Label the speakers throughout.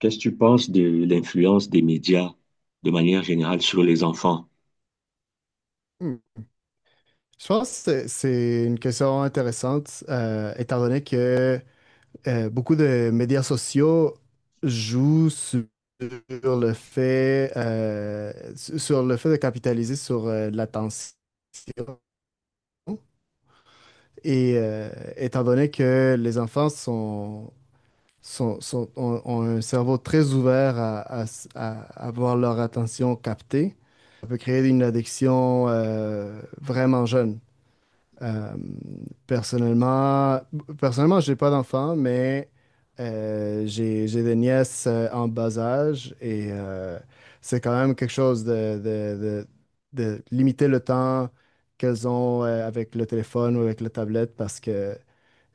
Speaker 1: Qu'est-ce que tu penses de l'influence des médias de manière générale sur les enfants?
Speaker 2: Hmm. Je pense que c'est une question intéressante, étant donné que beaucoup de médias sociaux jouent sur le fait, sur le fait de capitaliser sur l'attention. Et euh, Étant donné que les enfants ont, ont un cerveau très ouvert à à avoir leur attention captée, ça peut créer une addiction vraiment jeune. Euh, Personnellement, personnellement, j'ai pas d'enfants, mais j'ai des nièces en bas âge et c'est quand même quelque chose de limiter le temps qu'elles ont avec le téléphone ou avec la tablette parce que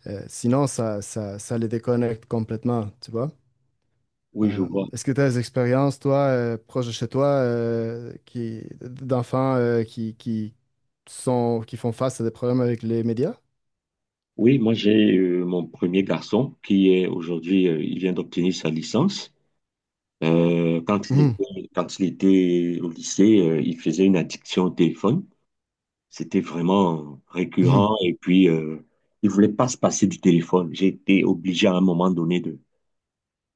Speaker 2: sinon, ça les déconnecte complètement, tu vois.
Speaker 1: Oui, je
Speaker 2: Euh,
Speaker 1: vois.
Speaker 2: Est-ce que tu as des expériences, toi, proches de chez toi, d'enfants qui font face à des problèmes avec les médias?
Speaker 1: Oui, moi j'ai mon premier garçon qui est aujourd'hui, il vient d'obtenir sa licence.
Speaker 2: Mhm,
Speaker 1: Quand il était au lycée, il faisait une addiction au téléphone. C'était vraiment
Speaker 2: mhm,
Speaker 1: récurrent et puis il voulait pas se passer du téléphone. J'ai été obligé à un moment donné de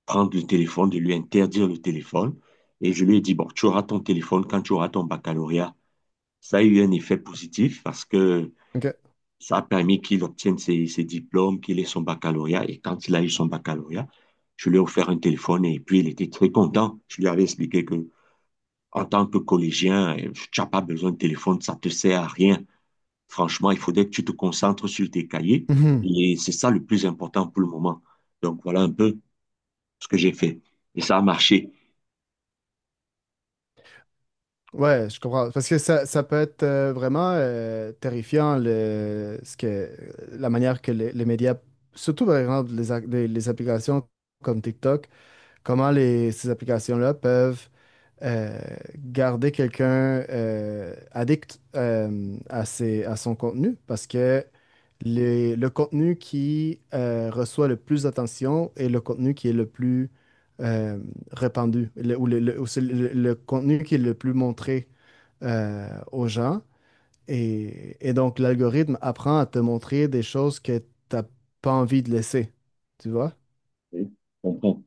Speaker 1: prendre le téléphone, de lui interdire le téléphone. Et je lui ai dit, bon, tu auras ton téléphone quand tu auras ton baccalauréat. Ça a eu un effet positif parce que
Speaker 2: ok.
Speaker 1: ça a permis qu'il obtienne ses diplômes, qu'il ait son baccalauréat. Et quand il a eu son baccalauréat, je lui ai offert un téléphone et puis il était très content. Je lui avais expliqué que en tant que collégien, tu n'as pas besoin de téléphone, ça te sert à rien. Franchement, il faudrait que tu te concentres sur tes cahiers
Speaker 2: Mhm.
Speaker 1: et c'est ça le plus important pour le moment. Donc voilà un peu ce que j'ai fait et ça a marché.
Speaker 2: Ouais, je comprends. Parce que ça peut être vraiment terrifiant la manière que les médias, surtout par exemple les applications comme TikTok, comment ces applications-là peuvent euh, garder quelqu'un addict à son contenu parce que le contenu qui reçoit le plus d'attention est le contenu qui est le plus euh, répandu le- ou, le, le- ou c'est le contenu qui est le plus montré aux gens. Et donc, l'algorithme apprend à te montrer des choses que tu n'as pas envie de laisser, tu vois?
Speaker 1: On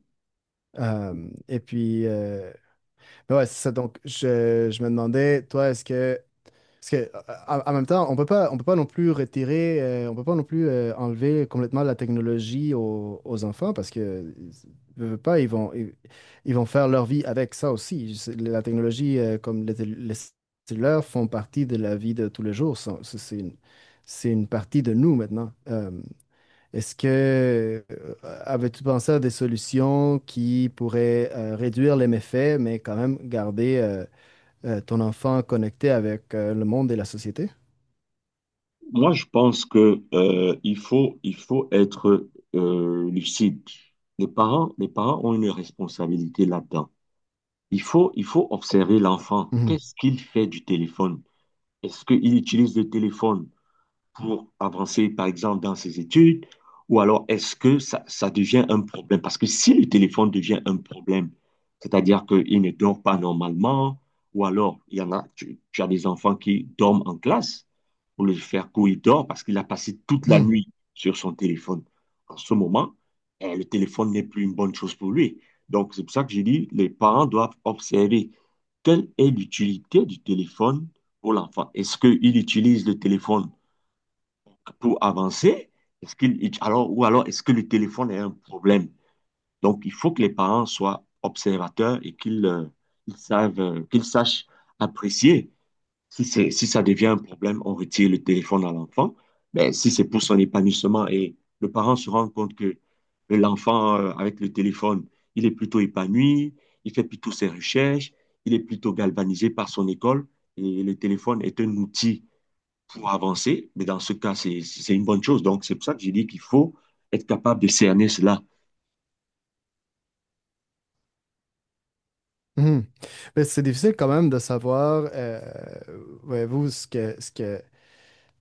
Speaker 2: Euh, et puis, euh, Ouais, c'est ça. Donc, je me demandais, toi, est-ce que, parce que, euh, en en même temps, on peut pas non plus retirer, on peut pas non plus enlever complètement la technologie aux enfants parce que, veux pas, ils vont faire leur vie avec ça aussi. La technologie, comme les cellulaires, font partie de la vie de tous les jours. C'est c'est une partie de nous maintenant. Est-ce que avais-tu pensé à des solutions qui pourraient réduire les méfaits, mais quand même garder ton enfant connecté avec le monde et la société?
Speaker 1: moi, je pense que il faut être lucide. Les parents ont une responsabilité là-dedans. Il faut observer l'enfant.
Speaker 2: Mhm.
Speaker 1: Qu'est-ce qu'il fait du téléphone? Est-ce qu'il utilise le téléphone pour avancer, par exemple, dans ses études? Ou alors est-ce que ça devient un problème? Parce que si le téléphone devient un problème, c'est-à-dire qu'il ne dort pas normalement, ou alors il y en a, tu as des enfants qui dorment en classe, pour le faire courir il dort parce qu'il a passé toute la
Speaker 2: Mhm.
Speaker 1: nuit sur son téléphone. En ce moment, eh, le téléphone n'est plus une bonne chose pour lui. Donc c'est pour ça que je dis, les parents doivent observer quelle est l'utilité du téléphone pour l'enfant. Est-ce qu'il utilise le téléphone pour avancer? Est-ce qu'il, alors, ou alors, est-ce que le téléphone est un problème? Donc, il faut que les parents soient observateurs et qu'ils ils savent, qu'ils sachent apprécier. Si c'est, si ça devient un problème, on retire le téléphone à l'enfant. Mais si c'est pour son épanouissement et le parent se rend compte que l'enfant, avec le téléphone, il est plutôt épanoui, il fait plutôt ses recherches, il est plutôt galvanisé par son école et le téléphone est un outil pour avancer. Mais dans ce cas, c'est une bonne chose. Donc, c'est pour ça que j'ai dit qu'il faut être capable de cerner cela.
Speaker 2: Mhm. Mais c'est difficile quand même de savoir, voyez-vous,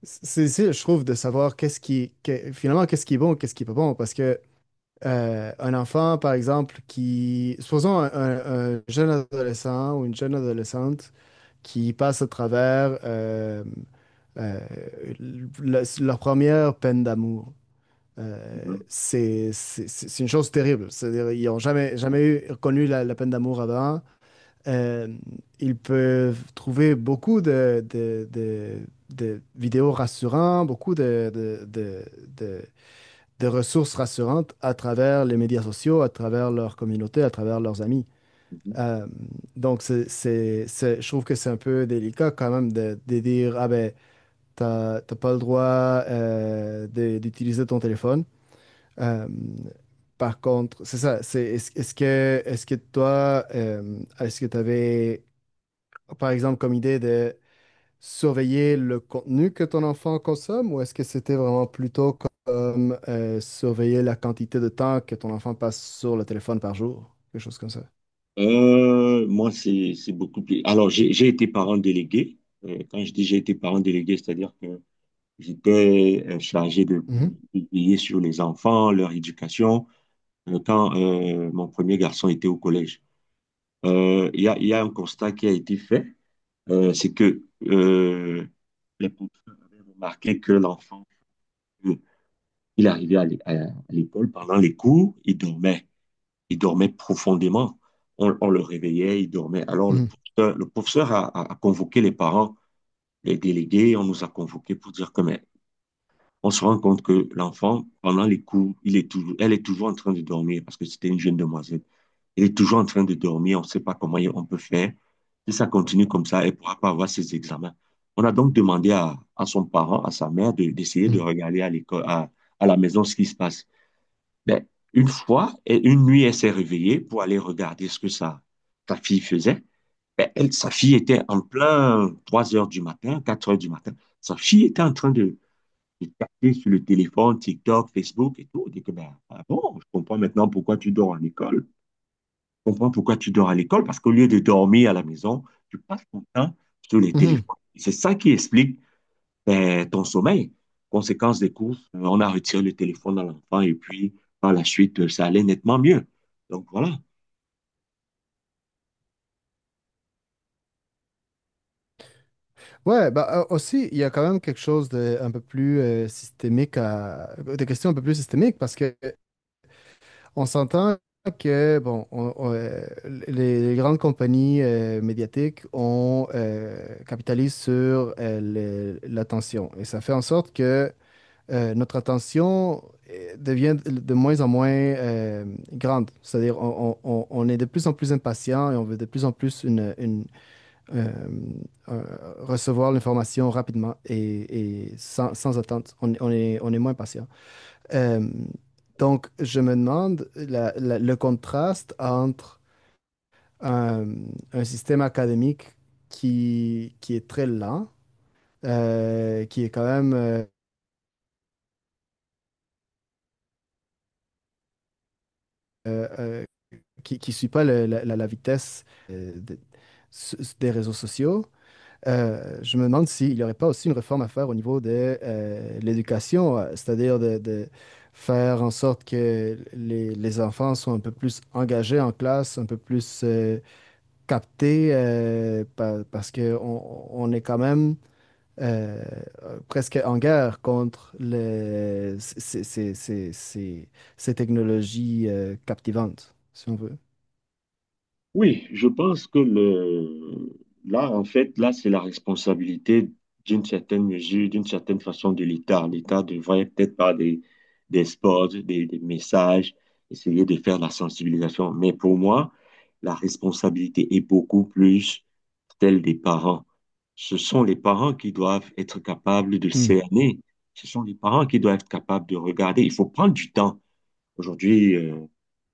Speaker 2: c'est difficile, je trouve, de savoir qu'est-ce qui, finalement, qu'est-ce qui est bon, qu'est-ce qui est pas bon, parce que un enfant, par exemple, qui, supposons un jeune adolescent ou une jeune adolescente qui passent à travers euh, leur première peine d'amour. Euh,
Speaker 1: Mhm,
Speaker 2: c'est c'est une chose terrible. C'est-à-dire, ils n'ont jamais, jamais eu, connu la peine d'amour avant. Euh, Ils peuvent trouver beaucoup de vidéos rassurantes, beaucoup de- de ressources rassurantes à travers les médias sociaux, à travers leur communauté, à travers leurs amis.
Speaker 1: mhm.
Speaker 2: Euh, donc, je trouve que c'est un peu délicat quand même de dire, ah ben, t'as pas le droit d'utiliser ton téléphone. Euh, Par contre, c'est ça, c'est, est-ce, est-ce que toi, est-ce que tu avais, par exemple, comme idée de surveiller le contenu que ton enfant consomme ou est-ce que c'était vraiment plutôt comme surveiller la quantité de temps que ton enfant passe sur le téléphone par jour, quelque chose comme ça?
Speaker 1: Moi, c'est beaucoup plus. Alors, j'ai été parent délégué. Quand je dis j'ai été parent délégué, c'est-à-dire que j'étais chargé
Speaker 2: Mhm,
Speaker 1: de veiller sur les enfants, leur éducation, quand mon premier garçon était au collège. Il y a un constat qui a été fait, c'est que les professeurs avaient remarqué que l'enfant euh, il arrivait à l'école pendant les cours, il dormait. Il dormait profondément. On le réveillait, il dormait. Alors,
Speaker 2: mhm,
Speaker 1: le professeur a convoqué les parents, les délégués, on nous a convoqués pour dire que, mais on se rend compte que l'enfant, pendant les cours, elle est toujours en train de dormir parce que c'était une jeune demoiselle. Elle est toujours en train de dormir, on ne sait pas comment on peut faire. Si ça continue comme ça, elle ne pourra pas avoir ses examens. On a donc demandé à son parent, à sa mère, d'essayer de
Speaker 2: mhm,
Speaker 1: regarder l'école, à la maison ce qui se passe. Ben, une fois, et une nuit, elle s'est réveillée pour aller regarder ce que sa fille faisait. Ben, elle, sa fille était en plein 3 heures du matin, 4 heures du matin. Sa fille était en train de taper sur le téléphone, TikTok, Facebook et tout. On dit que, ben, ah bon, je comprends maintenant pourquoi tu dors à l'école. Je comprends pourquoi tu dors à l'école parce qu'au lieu de dormir à la maison, tu passes ton temps sur les
Speaker 2: mhm.
Speaker 1: téléphones. C'est ça qui explique ben, ton sommeil. Conséquence des courses, on a retiré le téléphone à l'enfant et puis par la suite, ça allait nettement mieux. Donc voilà,
Speaker 2: Ouais, bah aussi, il y a quand même quelque chose de un peu plus systémique à des questions un peu plus systémiques parce que on s'entend que bon, les grandes compagnies médiatiques on capitalise sur l'attention et ça fait en sorte que notre attention devient de moins en moins grande. C'est-à-dire on est de plus en plus impatient et on veut de plus en plus euh, recevoir l'information rapidement et sans, sans attente. On est moins patient. Euh, donc, je me demande le contraste entre un, un système académique qui est très lent, qui est quand même, euh, euh, qui ne suit pas la vitesse euh, de- des réseaux sociaux. Je me demande s'il n'y aurait pas aussi une réforme à faire au niveau de l'éducation, c'est-à-dire de faire en sorte que les enfants soient un peu plus engagés en classe, un peu plus captés, parce qu'on on est quand même euh, presque en guerre contre ces technologies captivantes, si on veut.
Speaker 1: oui, je pense que le, là, en fait, là, c'est la responsabilité d'une certaine mesure, d'une certaine façon de l'État. L'État devrait peut-être par des spots, des messages, essayer de faire la sensibilisation. Mais pour moi, la responsabilité est beaucoup plus celle des parents. Ce sont les parents qui doivent être capables de
Speaker 2: Hmm.
Speaker 1: cerner. Ce sont les parents qui doivent être capables de regarder. Il faut prendre du temps. Aujourd'hui,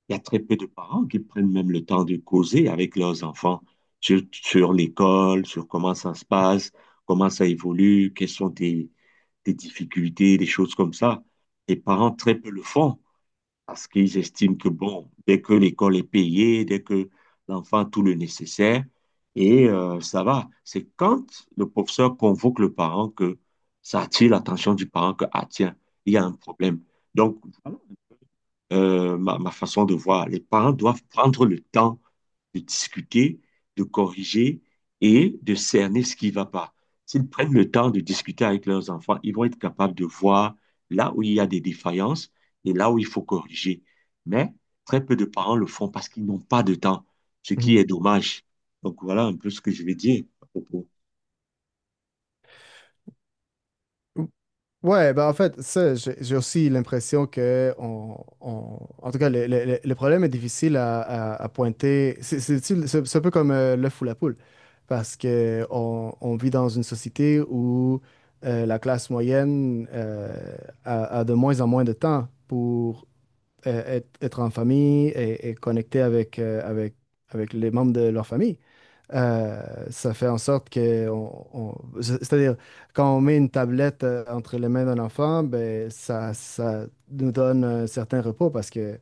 Speaker 1: il y a très peu de parents qui prennent même le temps de causer avec leurs enfants sur l'école, sur comment ça se passe, comment ça évolue, quelles sont tes difficultés, des choses comme ça. Les parents très peu le font parce qu'ils estiment que, bon, dès que l'école est payée, dès que l'enfant a tout le nécessaire, et ça va. C'est quand le professeur convoque le parent que ça attire l'attention du parent que, ah tiens, il y a un problème. Donc, voilà ma façon de voir. Les parents doivent prendre le temps de discuter, de corriger et de cerner ce qui ne va pas. S'ils prennent le temps de discuter avec leurs enfants, ils vont être capables de voir là où il y a des défaillances et là où il faut corriger. Mais très peu de parents le font parce qu'ils n'ont pas de temps, ce qui est dommage. Donc voilà un peu ce que je vais dire à propos.
Speaker 2: Mhm. Ouais, ben en fait, ça, j'ai aussi l'impression que en tout cas, le problème est difficile à pointer. C'est un peu comme l'œuf ou la poule, parce que on vit dans une société où la classe moyenne a, a de moins en moins de temps pour être en famille et connecter avec les membres de leur famille. Ça fait en sorte que, c'est- c'est-à-dire, quand on met une tablette entre les mains d'un enfant, ben, ça nous donne un certain repos parce que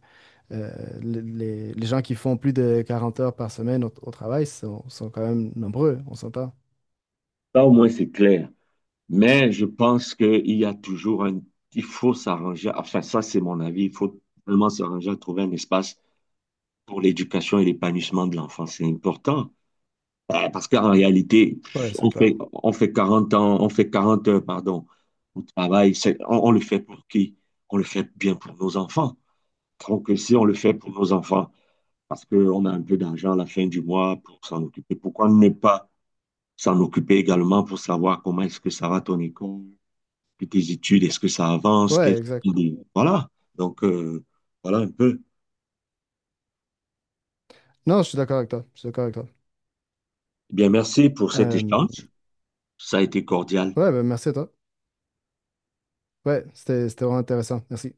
Speaker 2: euh, les gens qui font plus de 40 heures par semaine au travail sont quand même nombreux, on s'entend.
Speaker 1: Ça au moins c'est clair. Mais je pense qu'il y a toujours un... Il faut s'arranger, enfin ça c'est mon avis, il faut vraiment s'arranger à trouver un espace pour l'éducation et l'épanouissement de l'enfant. C'est important. Parce qu'en réalité,
Speaker 2: Ouais, c'est clair.
Speaker 1: on fait 40 ans, on fait 40 heures, pardon, au travail. On le fait pour qui? On le fait bien pour nos enfants. Donc si on le fait pour nos enfants, parce qu'on a un peu d'argent à la fin du mois pour s'en occuper, pourquoi ne pas s'en occuper également pour savoir comment est-ce que ça va ton école? Puis tes études, est-ce que ça avance?
Speaker 2: Ouais, exact.
Speaker 1: Voilà. Donc, voilà un peu.
Speaker 2: Non, je suis d'accord avec toi. Je suis d'accord avec toi.
Speaker 1: Eh bien, merci pour cet
Speaker 2: Euh,
Speaker 1: échange. Ça a été cordial.
Speaker 2: ouais, ben, merci à toi. Ouais, c'était vraiment intéressant. Merci.